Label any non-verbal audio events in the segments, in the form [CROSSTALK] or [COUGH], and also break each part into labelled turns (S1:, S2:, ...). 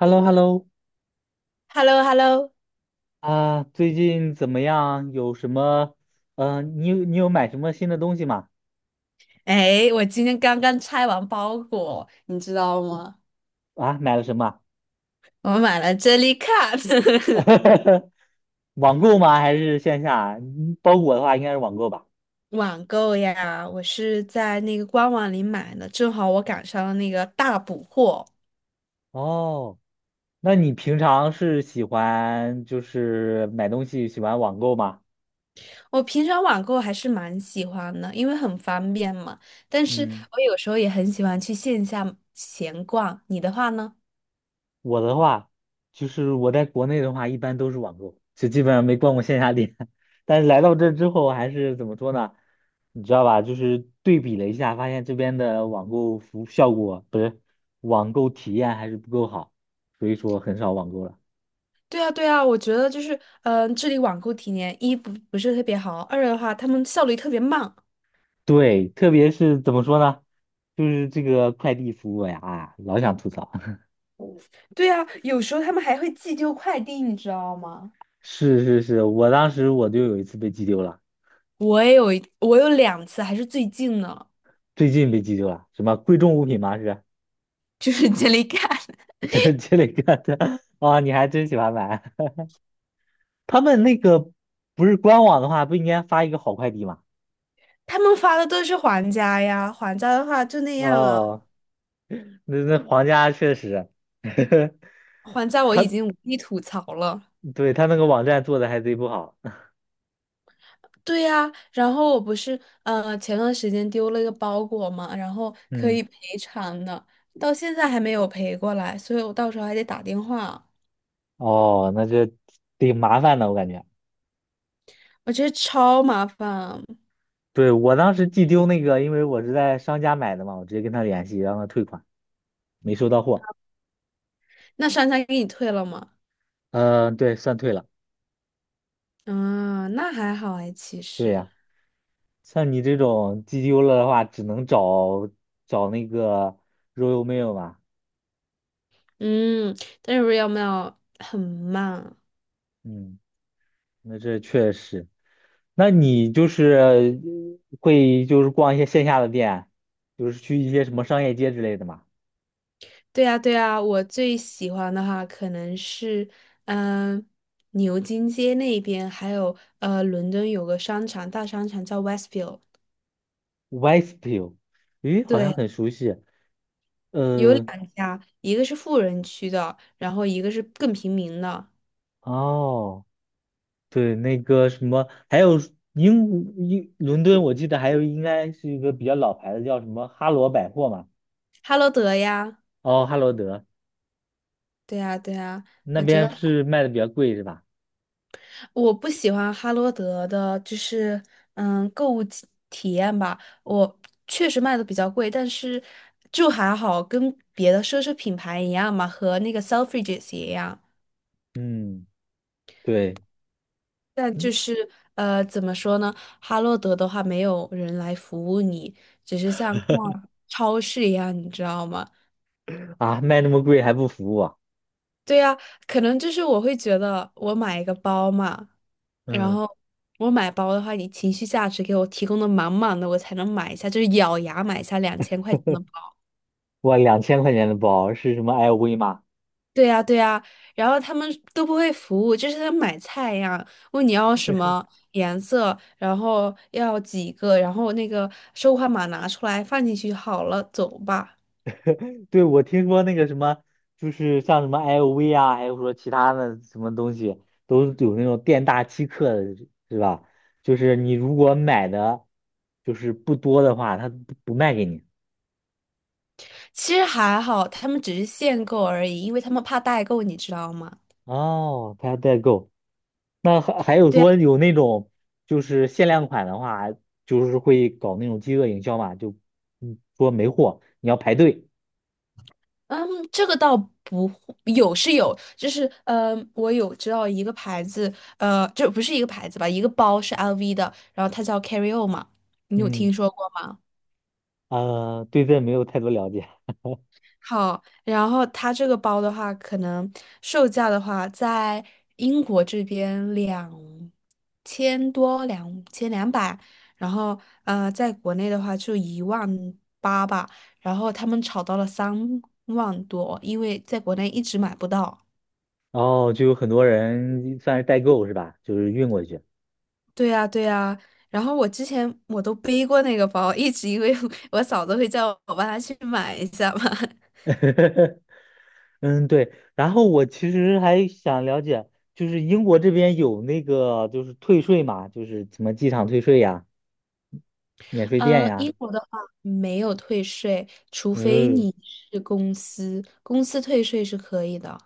S1: Hello Hello
S2: h e l l o h e l l o
S1: 啊，最近怎么样？有什么？你有买什么新的东西吗？
S2: 哎，我今天刚刚拆完包裹，你知道吗？
S1: 啊，买了什么？
S2: 我买了 Jellycat。
S1: [LAUGHS] 网购吗？还是线下？嗯包裹的话，应该是网购吧。
S2: [LAUGHS] 网购呀，我是在那个官网里买的，正好我赶上了那个大补货。
S1: 哦，那你平常是喜欢就是买东西喜欢网购吗？
S2: 我平常网购还是蛮喜欢的，因为很方便嘛。但是
S1: 嗯。
S2: 我有时候也很喜欢去线下闲逛。你的话呢？
S1: 我的话，就是我在国内的话，一般都是网购，就基本上没逛过线下店。[LAUGHS] 但是来到这之后，还是怎么说呢？你知道吧？就是对比了一下，发现这边的网购服效果不是网购体验还是不够好，所以说很少网购了。
S2: 对啊，对啊，我觉得就是，这里网购体验一不是特别好，二的话他们效率特别慢。
S1: 对，特别是怎么说呢？就是这个快递服务呀，啊，老想吐槽。[LAUGHS]
S2: 对啊，有时候他们还会寄丢快递，你知道吗？
S1: 是是是，我当时我就有一次被寄丢了，
S2: 我有两次，还是最近呢，
S1: 最近被寄丢了，什么贵重物品吗？是。
S2: 就是接里干。[LAUGHS]
S1: [LAUGHS] 就是这里干的哇，你还真喜欢买。[LAUGHS] 他们那个不是官网的话，不应该发一个好快递吗？
S2: 他们发的都是还价呀，还价的话就那样啊。
S1: 哦，那皇家确实。
S2: 还价
S1: [LAUGHS]
S2: 我已
S1: 他
S2: 经无力吐槽了。
S1: 对他那个网站做的还贼不好。
S2: 对呀，然后我不是前段时间丢了一个包裹嘛，然后
S1: [LAUGHS]
S2: 可
S1: 嗯。
S2: 以赔偿的，到现在还没有赔过来，所以我到时候还得打电话，
S1: 哦，那这挺麻烦的，我感觉。
S2: 我觉得超麻烦。
S1: 对，我当时寄丢那个，因为我是在商家买的嘛，我直接跟他联系，让他退款，没收到货。
S2: 那商家给你退了吗？
S1: 嗯、对，算退了。
S2: 啊，那还好哎，其
S1: 对
S2: 实。
S1: 呀、像你这种寄丢了的话，只能找那个 Royal Mail 嘛。
S2: 嗯，但是有没有很慢？
S1: 嗯，那这确实。那你就是会就是逛一些线下的店，就是去一些什么商业街之类的嘛。
S2: 对呀，对呀，我最喜欢的哈可能是，嗯、牛津街那边，还有伦敦有个商场，大商场叫 Westfield。
S1: Westfied 咦，好像
S2: 对
S1: 很熟悉。呃，
S2: 呀，一个是富人区的，然后一个是更平民的，
S1: 哦，对，那个什么，还有英伦敦，我记得还有应该是一个比较老牌的，叫什么哈罗百货嘛？
S2: 哈罗德呀。
S1: 哦，哈罗德
S2: 对呀，对呀，
S1: 那
S2: 我知道
S1: 边是卖的比较贵是吧？
S2: 我不喜欢哈罗德的，就是购物体验吧。我确实卖的比较贵，但是就还好，跟别的奢侈品牌一样嘛，和那个 Selfridges 也一样。
S1: 嗯，对，
S2: 但就
S1: 嗯
S2: 是怎么说呢？哈罗德的话，没有人来服务你，只是像逛超市一样，你知道吗？
S1: 啊，卖那么贵还不服我？
S2: 对呀，可能就是我会觉得我买一个包嘛，然
S1: 嗯。
S2: 后我买包的话，你情绪价值给我提供的满满的，我才能买一下，就是咬牙买下2000块钱的包。
S1: 哇，2000块钱的包是什么 LV 吗？
S2: 对呀，对呀，然后他们都不会服务，就是像买菜一样，问你要什么颜色，然后要几个，然后那个收款码拿出来放进去好了，走吧。
S1: 对，我听说那个什么，就是像什么 LV 啊，还有说其他的什么东西，都有那种店大欺客的，是吧？就是你如果买的就是不多的话，他不卖给你。
S2: 其实还好，他们只是限购而已，因为他们怕代购，你知道吗？
S1: 哦，他代购。那还有
S2: 对啊
S1: 说有那种就是限量款的话，就是会搞那种饥饿营销嘛，就说没货，你要排队。
S2: 嗯，这个倒不会有是有，就是我有知道一个牌子，这不是一个牌子吧，一个包是 LV 的，然后它叫 Carry On 嘛，你有
S1: 嗯，
S2: 听说过吗？
S1: 对这没有太多了解。
S2: 好，然后它这个包的话，可能售价的话，在英国这边2000多，2200，然后在国内的话就1.8万吧，然后他们炒到了3万多，因为在国内一直买不到。
S1: 哦，就有很多人算是代购是吧？就是运过去。
S2: 对呀，对呀。然后我之前我都背过那个包，一直因为 [LAUGHS] 我嫂子会叫我帮她去买一下嘛。[LAUGHS]
S1: [LAUGHS] 嗯，对。然后我其实还想了解，就是英国这边有那个就是退税嘛，就是什么机场退税呀、免税店
S2: 嗯，英
S1: 呀。
S2: 国的话没有退税，除非
S1: 嗯，
S2: 你是公司，公司退税是可以的。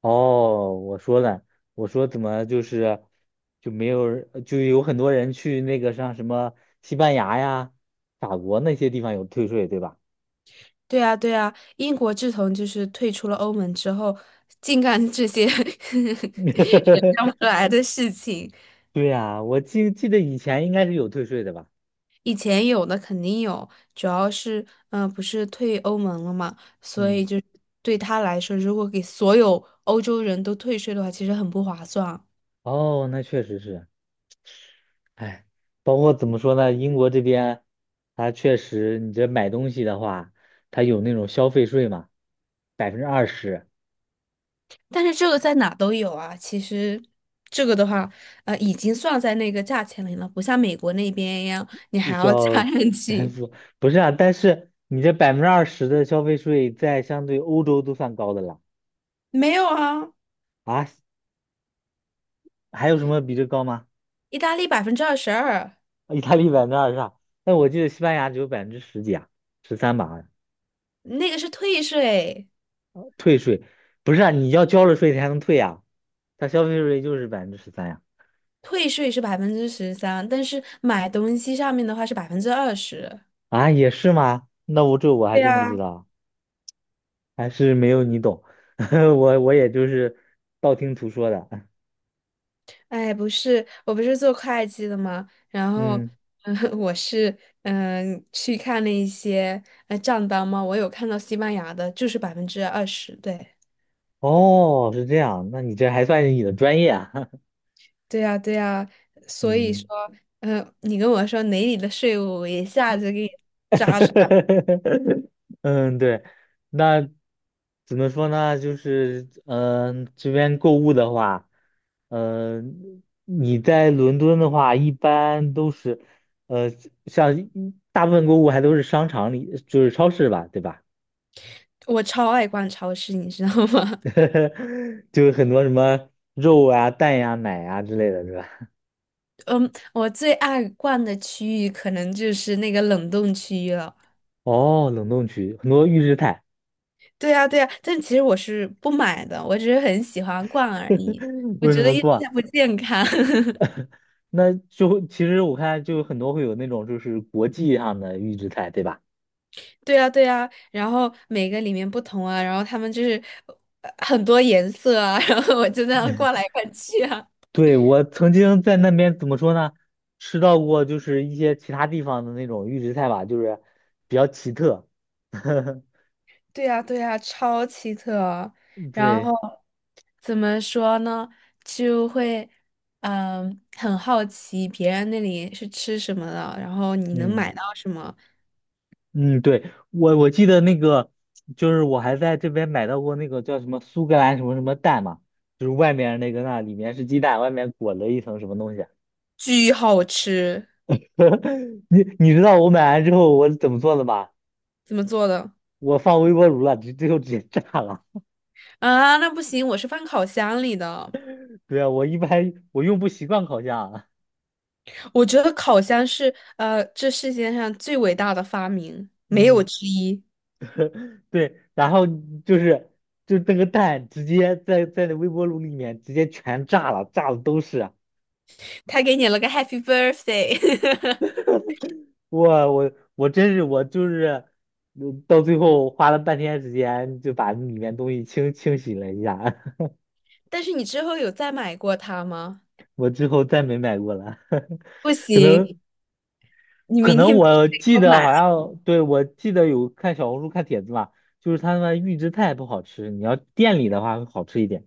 S1: 哦，我说了，我说怎么就是就没有人就有很多人去那个像什么西班牙呀、法国那些地方有退税，对吧？
S2: 对呀对呀，英国自从就是退出了欧盟之后，净干这些 [LAUGHS] 人干不出
S1: [LAUGHS]
S2: 来的事情。
S1: 对呀、我记得以前应该是有退税的吧？
S2: 以前有的肯定有，主要是不是退欧盟了嘛，所
S1: 嗯。
S2: 以就对他来说，如果给所有欧洲人都退税的话，其实很不划算啊。
S1: 哦，那确实是。哎，包括怎么说呢，英国这边，它确实，你这买东西的话，它有那种消费税嘛，百分之二十。
S2: 但是这个在哪都有啊，其实这个的话，已经算在那个价钱里了，不像美国那边一样，你还要 [LAUGHS]
S1: 叫。
S2: 加上
S1: [LAUGHS]
S2: 去。
S1: 不，不是啊，但是你这百分之二十的消费税，在相对欧洲都算高的了
S2: 没有啊，
S1: 啊，还有什么比这高吗？
S2: 意大利22%，
S1: 意大利百分之二十啊，但我记得西班牙只有百分之十几啊，十三吧，好像
S2: 那个是退税，
S1: 退税，不是啊，你要交了税才能退啊，它消费税就是13%呀。
S2: 退税是13%，但是买东西上面的话是百分之二十。
S1: 啊，也是吗？那我这我还
S2: 对
S1: 真不
S2: 呀。
S1: 知道，还是没有你懂。[LAUGHS] 我也就是道听途说的。[LAUGHS]
S2: 哎，不是，我不是做会计的嘛，然后，
S1: 嗯，
S2: 嗯，[LAUGHS] 我是去看了一些账单嘛，我有看到西班牙的，就是百分之二十，对，
S1: 哦，是这样，那你这还算是你的专业啊？[LAUGHS]
S2: 对呀，对呀，所以说，
S1: 嗯，
S2: 你跟我说哪里的税务，我一下子给你。
S1: [LAUGHS] 嗯，对，那怎么说呢？就是这边购物的话，你在伦敦的话，一般都是呃，像一大部分购物还都是商场里，就是超市吧，对吧？
S2: 我超爱逛超市，你知道吗？
S1: [LAUGHS] 就很多什么肉啊、蛋呀、奶呀之类的，是吧？
S2: [LAUGHS] 嗯，我最爱逛的区域可能就是那个冷冻区域了。
S1: 哦，冷冻区很多预制菜。
S2: 对呀，对呀，但其实我是不买的，我只是很喜欢逛而已。
S1: [LAUGHS]
S2: 我
S1: 为什
S2: 觉得
S1: 么
S2: 一点
S1: 逛？
S2: 也不健康。[LAUGHS]
S1: 那就其实我看就很多会有那种就是国际上的预制菜，对吧？
S2: 对啊，对啊，然后每个里面不同啊，然后他们就是很多颜色啊，[LAUGHS] 然后我就那样逛来逛去啊。
S1: 对，我曾经在那边怎么说呢？吃到过就是一些其他地方的那种预制菜吧，就是比较奇特。[LAUGHS]
S2: 对呀，对呀，超奇特哦。然后
S1: 对，
S2: 怎么说呢？就会很好奇别人那里是吃什么的，然后你能
S1: 嗯。
S2: 买到什么，
S1: 嗯，对，我记得那个，就是我还在这边买到过那个叫什么苏格兰什么什么蛋嘛，就是外面那个那里面是鸡蛋，外面裹了一层什么东西啊。
S2: 巨好吃。
S1: [LAUGHS] 你知道我买完之后我怎么做的吗？
S2: 怎么做的？
S1: 我放微波炉了，最后直接炸了。
S2: 啊，那不行，我是放烤箱里的。
S1: [LAUGHS] 对啊，我一般我用不习惯烤箱啊
S2: 我觉得烤箱是这世界上最伟大的发明，
S1: [LAUGHS]
S2: 没有
S1: 嗯，
S2: 之一。
S1: 对，然后就是就那个蛋直接在那微波炉里面直接全炸了，炸的都是。
S2: 他给你了个 Happy Birthday。
S1: 哇，我真是我就是，到最后花了半天时间就把里面东西清洗了一下。[LAUGHS]
S2: [LAUGHS] 但是你之后有再买过它吗？
S1: 我之后再没买过了。[LAUGHS]
S2: 不
S1: 可
S2: 行，
S1: 能
S2: 你
S1: 可
S2: 明
S1: 能
S2: 天必须
S1: 我
S2: 得
S1: 记
S2: 给我
S1: 得
S2: 买。
S1: 好像对我记得有看小红书看帖子嘛，就是他们预制菜不好吃，你要店里的话会好吃一点。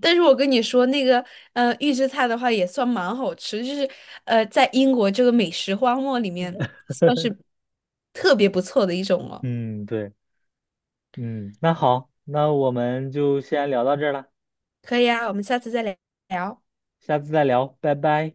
S2: 但是我跟你说，那个预制菜的话也算蛮好吃，就是在英国这个美食荒漠里面算是特别不错的一种了。
S1: 嗯，对，嗯，那好，那我们就先聊到这儿了，
S2: 可以啊，我们下次再聊。
S1: 下次再聊，拜拜。